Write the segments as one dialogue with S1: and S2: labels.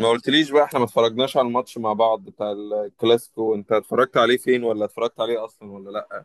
S1: ما قلتليش بقى، احنا ما اتفرجناش على الماتش مع بعض بتاع الكلاسيكو. انت اتفرجت عليه فين؟ ولا اتفرجت عليه اصلا ولا لا؟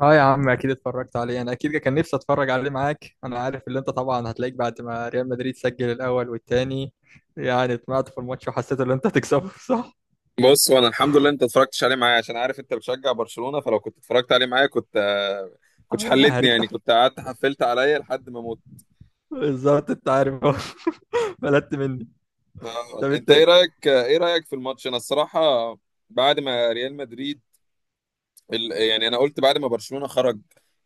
S2: اه يا عم، اكيد اتفرجت عليه. انا اكيد كان نفسي اتفرج عليه معاك. انا عارف اللي انت طبعا هتلاقيك بعد ما ريال مدريد سجل الاول والتاني، يعني طمعت في الماتش وحسيت ان انت هتكسبه، صح؟
S1: بص، وانا الحمد لله انت اتفرجتش عليه معايا عشان عارف انت بتشجع برشلونة. فلو كنت اتفرجت عليه معايا كنت كنتش حلتني،
S2: هريك
S1: يعني
S2: تحت.
S1: كنت قعدت حفلت عليا لحد ما موت.
S2: بالظبط، انت عارف اهو. بلدت مني. طب
S1: انت
S2: انت.
S1: ايه رايك في الماتش؟ انا الصراحة بعد ما ريال مدريد يعني انا قلت بعد ما برشلونة خرج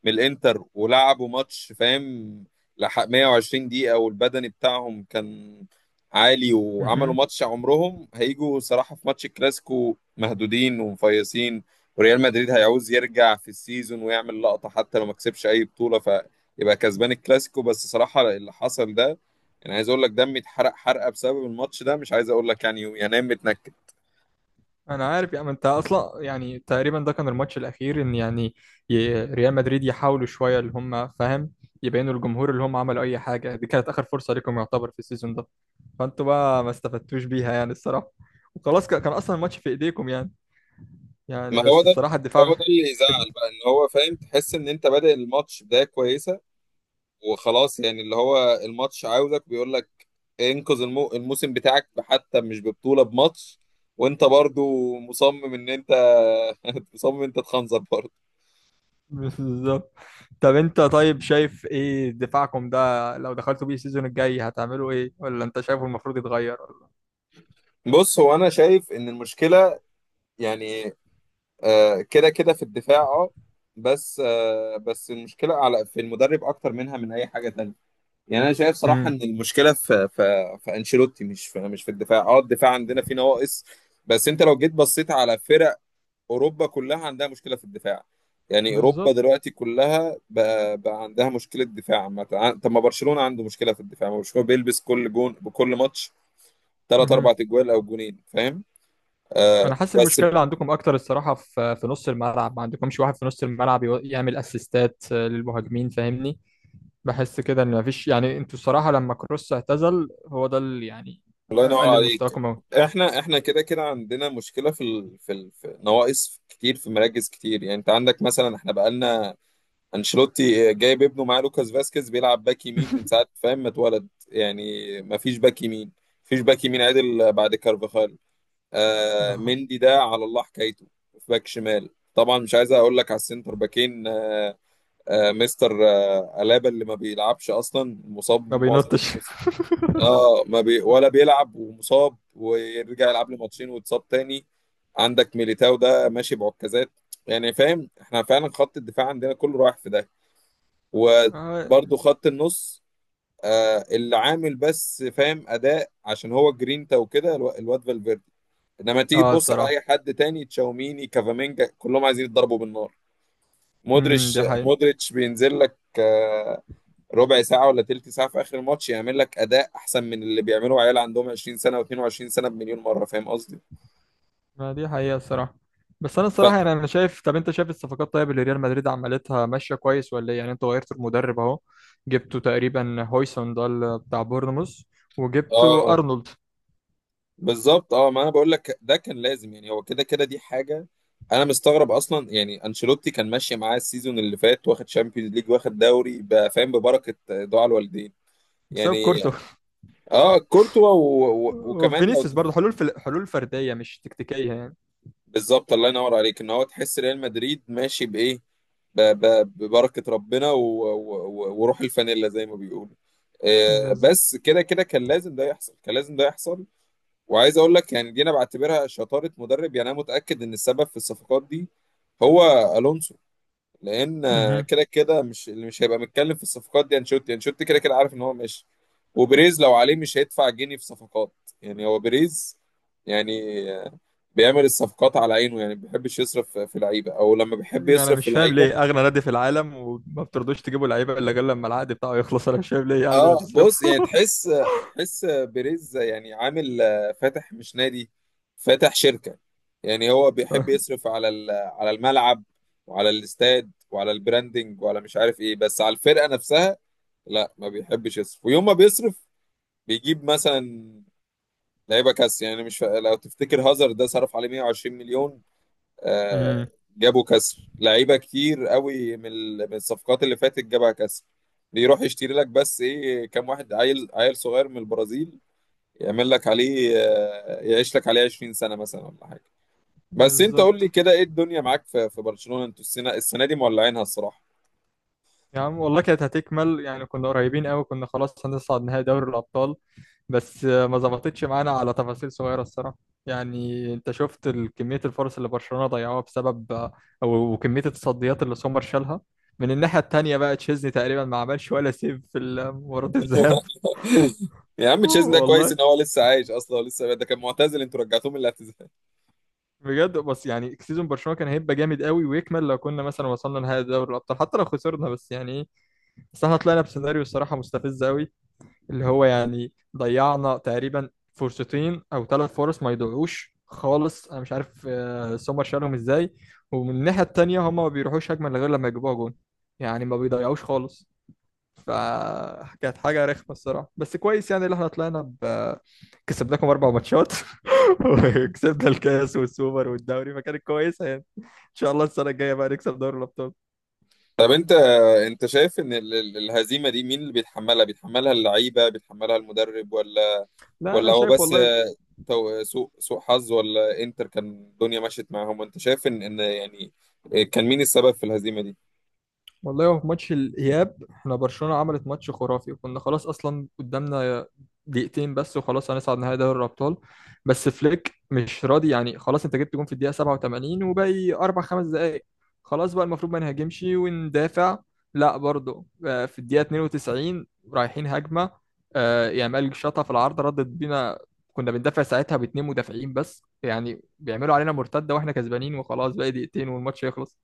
S1: من الانتر ولعبوا ماتش، فاهم، لحق 120 دقيقة والبدني بتاعهم كان عالي، وعملوا
S2: مهم.
S1: ماتش عمرهم. هيجوا صراحة في ماتش الكلاسيكو مهدودين ومفيصين. وريال مدريد هيعوز يرجع في السيزون ويعمل لقطة، حتى لو ما كسبش اي بطولة فيبقى كسبان الكلاسيكو. بس صراحة اللي حصل ده، انا عايز اقول لك دمي اتحرق حرقة بسبب الماتش ده، مش عايز اقول لك يعني ينام متنكد.
S2: انا عارف يا عم، انت اصلا يعني تقريبا ده كان الماتش الاخير ان يعني ريال مدريد يحاولوا شويه، اللي هم فاهم يبينوا للجمهور اللي هم عملوا اي حاجه، دي كانت اخر فرصه ليكم يعتبر في السيزون ده، فانتوا بقى ما استفدتوش بيها، يعني الصراحه. وخلاص، كان اصلا الماتش في ايديكم يعني. يعني
S1: ما هو
S2: بس
S1: ده،
S2: الصراحه الدفاع.
S1: هو ده اللي يزعل بقى. ان هو فاهم، تحس ان انت بادئ الماتش بداية كويسة، وخلاص يعني اللي هو الماتش عاوزك بيقول لك انقذ الموسم بتاعك حتى مش ببطولة، بماتش. وانت برضو مصمم ان انت مصمم انت تخنزر برضو.
S2: بالظبط. طب انت، طيب شايف ايه دفاعكم ده؟ لو دخلتوا بيه السيزون الجاي، هتعملوا ايه؟ ولا انت شايفه المفروض يتغير؟
S1: بص، هو انا شايف ان المشكلة، يعني كده كده في الدفاع، اه. بس المشكلة على في المدرب اكتر منها من اي حاجة تانية. يعني انا شايف صراحه
S2: امم
S1: ان المشكله في انشيلوتي، مش في الدفاع. اه، الدفاع عندنا فيه نواقص، بس انت لو جيت بصيت على فرق اوروبا كلها عندها مشكله في الدفاع. يعني اوروبا
S2: بالظبط.
S1: دلوقتي كلها بقى عندها مشكله دفاع عامة. طب، ما برشلونه عنده مشكله في الدفاع، ما برشلونه بيلبس كل جون بكل ماتش، ثلاث
S2: مهم.
S1: اربع اجوال او جونين، فاهم؟
S2: انا حاسس إن
S1: بس
S2: المشكله عندكم اكتر الصراحه في نص الملعب، ما عندكمش واحد في نص الملعب يعمل اسيستات، للمهاجمين، فاهمني؟ بحس كده ان مفيش، يعني انتوا الصراحه لما كروس اعتزل، هو ده اللي يعني
S1: الله ينور
S2: قلل
S1: عليك.
S2: مستواكم قوي.
S1: احنا كده كده عندنا مشكله في نواقص كتير في مراكز كتير. يعني انت عندك مثلا، احنا بقالنا انشيلوتي جايب ابنه معاه لوكاس فاسكيز بيلعب باك يمين من ساعه، فاهم، ما اتولد يعني. ما فيش باك يمين، مفيش باك يمين عدل بعد كارفاخال.
S2: ده
S1: مندي ده على الله حكايته. في باك شمال طبعا مش عايز اقول لك، على السنتر باكين مستر الابا اللي ما بيلعبش اصلا، مصاب
S2: ما
S1: معظم
S2: بينطش.
S1: الموسم. اه، ما بي ولا بيلعب ومصاب، ويرجع يلعب له ماتشين ويتصاب تاني. عندك ميليتاو ده ماشي بعكازات. يعني فاهم، احنا فعلا خط الدفاع عندنا كله رايح في ده.
S2: اه.
S1: وبرضه خط النص اللي عامل بس فاهم اداء عشان هو جرينتا وكده، الواد فالفيردي. انما تيجي تبص على
S2: الصراحة.
S1: اي حد تاني، تشاوميني، كافامينجا، كلهم عايزين يتضربوا بالنار. مودريتش،
S2: دي حقيقة.
S1: مودريتش بينزل لك ربع ساعة ولا تلت ساعة في آخر الماتش، يعمل لك أداء أحسن من اللي بيعمله عيال عندهم 20 سنة و22 سنة بمليون مرة، فاهم قصدي؟
S2: ما دي حقيقة الصراحة. بس انا
S1: ف...
S2: الصراحة يعني انا شايف، طب انت شايف الصفقات طيب اللي ريال مدريد عملتها ماشية كويس ولا ايه؟ يعني انت غيرت المدرب اهو، جبتوا تقريبا هويسون ده بتاع بورنموث، وجبتوا
S1: اه،
S2: ارنولد.
S1: بالظبط. اه، ما انا بقول لك ده كان لازم، يعني هو كده كده دي حاجه. انا مستغرب اصلا يعني، انشيلوتي كان ماشي معاه السيزون اللي فات، واخد شامبيونز ليج واخد دوري بقى، فاهم، ببركه دعاء الوالدين.
S2: بسبب
S1: يعني
S2: كورتو.
S1: اه، كورتوا وكمان
S2: وفينيسيوس برضه، حلول في حلول فردية مش تكتيكية يعني.
S1: بالظبط. الله ينور عليك، ان هو تحس ريال مدريد ماشي بايه، ب... ب... ببركه ربنا وروح الفانيلا زي ما بيقولوا.
S2: بالظبط.
S1: بس كده كده كان لازم ده يحصل، كان لازم ده يحصل. وعايز اقول لك يعني، دي انا بعتبرها شطاره مدرب. يعني انا متاكد ان السبب في الصفقات دي هو الونسو. لان
S2: مهم.
S1: كده كده مش اللي مش هيبقى متكلم في الصفقات دي انشيلوتي. انشيلوتي كده كده عارف ان هو ماشي، وبريز لو عليه مش هيدفع جنيه في صفقات. يعني هو بريز يعني، آه، بيعمل الصفقات على عينه، يعني ما بيحبش يصرف في لعيبه، او لما بيحب
S2: انا
S1: يصرف في
S2: مش فاهم
S1: لعيبه.
S2: ليه اغنى نادي في العالم وما بترضوش تجيبوا لعيبه الا غير لما العقد بتاعه يخلص؟ انا مش فاهم ليه، يعني
S1: اه
S2: هتصرفه.
S1: بص، يعني تحس، تحس بيريز يعني عامل فاتح مش نادي، فاتح شركة. يعني هو بيحب يصرف على على الملعب وعلى الاستاد وعلى البراندنج وعلى مش عارف ايه، بس على الفرقة نفسها لا ما بيحبش يصرف. ويوم ما بيصرف بيجيب مثلا لعيبة كاس، يعني مش فا... لو تفتكر هازارد ده صرف عليه 120 مليون. آه،
S2: امم
S1: جابوا كسر لعيبه كتير قوي من الصفقات اللي فاتت جابها كسر. بيروح يشتري لك بس ايه، كام واحد عيل، عيل صغير من البرازيل يعمل لك عليه يعيش لك عليه 20 سنه مثلا ولا حاجه. بس انت قول
S2: بالظبط.
S1: لي كده، ايه الدنيا معاك في برشلونه، انتوا السنه دي مولعينها الصراحه؟
S2: يا عم والله كانت هتكمل يعني، كنا قريبين قوي، كنا خلاص هنصعد نهائي دوري الأبطال، بس ما ظبطتش معانا على تفاصيل صغيرة الصراحة. يعني انت شفت كمية الفرص اللي برشلونة ضيعوها بسبب و- وكمية التصديات اللي سومر شالها. من الناحية التانية بقى، تشيزني تقريبا ما عملش ولا سيف في مباراة الذهاب.
S1: يا عم، تشيزن ده كويس
S2: والله.
S1: ان هو لسه عايش اصلا، ولسه ده كان معتزل انتوا رجعتوه من الاعتزال.
S2: بجد، بس يعني سيزون برشلونة كان هيبقى جامد قوي ويكمل لو كنا مثلا وصلنا نهائي دوري الأبطال، حتى لو خسرنا، بس يعني ايه. بس احنا طلعنا بسيناريو الصراحة مستفز قوي، اللي هو يعني ضيعنا تقريبا فرصتين او ثلاث فرص ما يضيعوش خالص، انا مش عارف سومر شالهم ازاي. ومن الناحيه التانيه، هما ما بيروحوش هجمه غير لما يجيبوها جون، يعني ما بيضيعوش خالص. فكانت حاجه رخمه الصراحه. بس كويس يعني اللي احنا طلعنا كسبناكم اربع ماتشات. وكسبنا الكاس والسوبر والدوري، فكانت كويسه يعني. ان شاء الله السنه الجايه بقى نكسب دوري الابطال.
S1: طب انت، انت شايف ان الهزيمه دي مين اللي بيتحملها؟ بيتحملها اللعيبه، بيتحملها المدرب، ولا
S2: لا
S1: ولا
S2: انا
S1: هو
S2: شايف
S1: بس
S2: والله.
S1: سوء حظ، ولا انتر كان الدنيا مشيت معاهم؟ وانت شايف ان يعني، كان مين السبب في الهزيمة دي؟
S2: هو في ماتش الإياب، احنا برشلونة عملت ماتش خرافي، وكنا خلاص أصلا قدامنا دقيقتين بس وخلاص هنصعد نهائي دوري الأبطال، بس فليك مش راضي يعني. خلاص أنت جبت جون في الدقيقة 87 وباقي أربع خمس دقايق، خلاص بقى المفروض ما نهاجمش وندافع. لا برضه في الدقيقة 92 رايحين هجمة، يامال شاطها في العارضة ردت بينا. كنا بندافع ساعتها باتنين مدافعين بس، يعني بيعملوا علينا مرتدة واحنا كسبانين وخلاص باقي دقيقتين والماتش يخلص،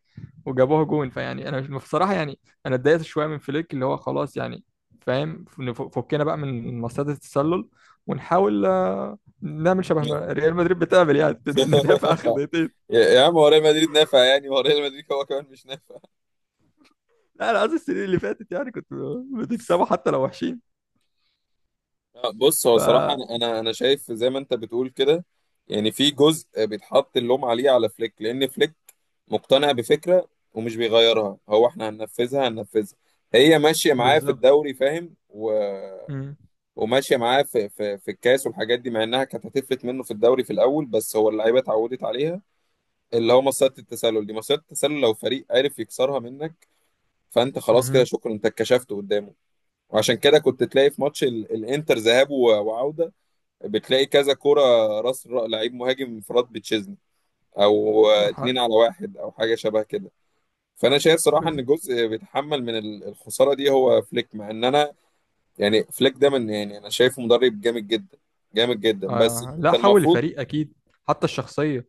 S2: وجابوها جون. فيعني انا مش بصراحه يعني، انا اتضايقت شويه من فليك، اللي هو خلاص يعني فاهم، فكنا بقى من مصيدة التسلل، ونحاول نعمل شبه ما ريال مدريد بتعمل يعني. ندافع اخر دقيقتين.
S1: يا عم، هو ريال مدريد نافع يعني؟ هو ريال مدريد هو كمان مش نافع.
S2: لا انا قصدي السنين اللي فاتت يعني، كنت بتكسبوا حتى لو وحشين.
S1: بص، هو
S2: ف
S1: صراحة انا انا أنا شايف زي ما انت بتقول كده. يعني في جزء بيتحط اللوم عليه على فليك، لان فليك مقتنع بفكرة ومش بيغيرها. هو احنا هننفذها هننفذها، هي ماشية معاه في
S2: بالظبط.
S1: الدوري، فاهم.
S2: مم.
S1: وماشيه معاه في الكاس والحاجات دي، مع انها كانت هتفلت منه في الدوري في الاول، بس هو اللعيبه اتعودت عليها. اللي هو مصيده التسلل دي، مصيده التسلل لو فريق عرف يكسرها منك فانت خلاص كده،
S2: مهم.
S1: شكرا، انت اتكشفت قدامه. وعشان كده كنت تلاقي في ماتش الانتر ذهاب وعوده بتلاقي كذا كوره، راس لعيب مهاجم انفراد بتشيزني، او
S2: ح-
S1: اتنين على واحد، او حاجه شبه كده. فانا شايف صراحه ان
S2: بز-
S1: جزء بيتحمل من الخساره دي هو فليك، مع ان انا يعني، فليك ده من يعني انا شايفه مدرب جامد جدا، جامد جدا، بس
S2: لا،
S1: انت
S2: حول
S1: المفروض.
S2: الفريق اكيد، حتى الشخصيه.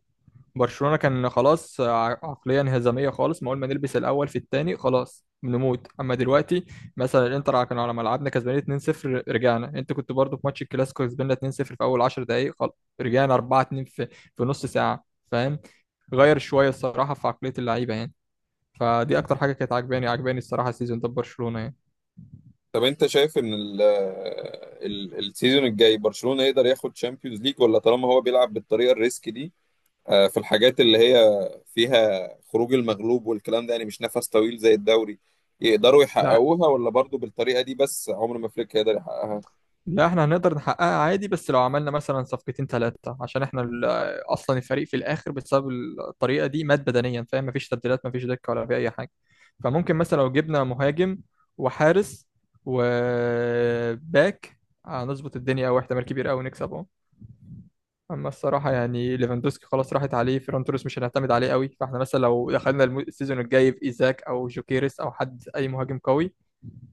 S2: برشلونة كان خلاص عقلية انهزامية خالص، ما أول ما نلبس الأول في التاني خلاص بنموت. أما دلوقتي مثلا، الإنتر كان على ملعبنا كسبانين 2-0 رجعنا، أنت كنت برضو في ماتش الكلاسيكو كسبنا 2-0 في أول 10 دقايق، خلاص رجعنا 4-2 في نص ساعة، فاهم؟ غير شوية الصراحة في عقلية اللعيبة يعني. فدي أكتر حاجة كانت عجباني، عجباني الصراحة السيزون ده في برشلونة يعني.
S1: طب انت شايف ان ال ال السيزون الجاي برشلونة يقدر ياخد شامبيونز ليج؟ ولا طالما هو بيلعب بالطريقة الريسك دي، في الحاجات اللي هي فيها خروج المغلوب والكلام ده، يعني مش نفس طويل زي الدوري، يقدروا
S2: لا.
S1: يحققوها، ولا برضو بالطريقة دي بس عمر ما فليك هيقدر يحققها؟
S2: لا احنا هنقدر نحققها عادي، بس لو عملنا مثلا صفقتين ثلاثة، عشان احنا اصلا الفريق في الاخر بسبب الطريقة دي مات بدنيا، فاهم؟ مفيش تبديلات، مفيش دكة، ولا في اي حاجة. فممكن مثلا لو جبنا مهاجم، وحارس، وباك، هنظبط الدنيا، او احتمال كبير قوي نكسب اهو. اما الصراحة يعني، ليفاندوسكي خلاص راحت عليه، فيران توريس مش هنعتمد عليه قوي، فاحنا مثلا لو دخلنا السيزون الجاي بإيزاك او جوكيريس او حد اي مهاجم قوي،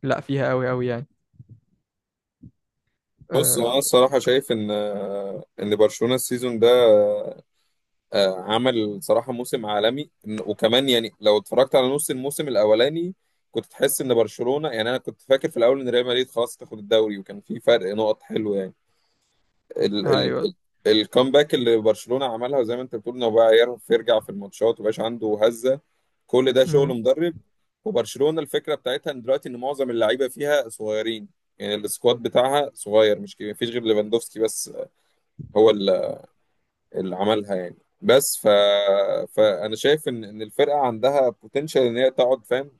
S2: لا فيها قوي قوي يعني.
S1: بص، انا
S2: اه.
S1: الصراحة شايف ان ان برشلونة السيزون ده عمل صراحة موسم عالمي. وكمان يعني لو اتفرجت على نص الموسم الأولاني كنت تحس إن برشلونة يعني، أنا كنت فاكر في الأول إن ريال مدريد خلاص تاخد الدوري، وكان في فرق نقط حلو يعني. ال ال
S2: ايوه.
S1: ال الكامباك اللي برشلونة عملها زي ما أنت بتقول، إنه بقى يعرف يرجع في الماتشات ومبقاش عنده هزة، كل ده شغل
S2: امم
S1: مدرب. وبرشلونة الفكرة بتاعتها إن دلوقتي إن معظم اللعيبة فيها صغيرين، يعني السكواد بتاعها صغير مش كبير، مفيش غير ليفاندوفسكي بس هو اللي عملها يعني. بس فانا شايف ان الفرقه عندها بوتنشال ان هي تقعد، فاهم،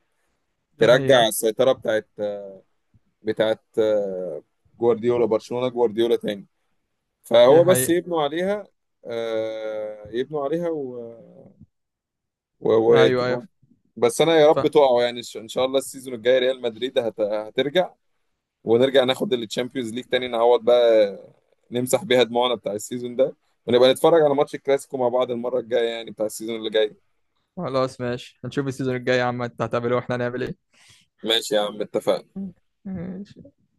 S2: دي
S1: ترجع
S2: حقيقة.
S1: السيطره بتاعت جوارديولا، برشلونه جوارديولا تاني.
S2: دي
S1: فهو بس
S2: حقيقة.
S1: يبنوا عليها، يبنوا عليها و... و...
S2: ايوه، ايوه،
S1: بس انا يا رب
S2: فاهم.
S1: تقعوا يعني، ان شاء الله السيزون الجاي ريال مدريد هترجع، ونرجع ناخد التشامبيونز ليج تاني، نعوض بقى، نمسح بيها دموعنا بتاع السيزون ده، ونبقى نتفرج على ماتش الكلاسيكو مع بعض المره الجايه يعني بتاع السيزون اللي جاي.
S2: خلاص ماشي، هنشوف السيزون الجاي يا عم انت هتعمل ايه واحنا هنعمل ايه.
S1: ماشي يا عم، اتفقنا.
S2: ماشي.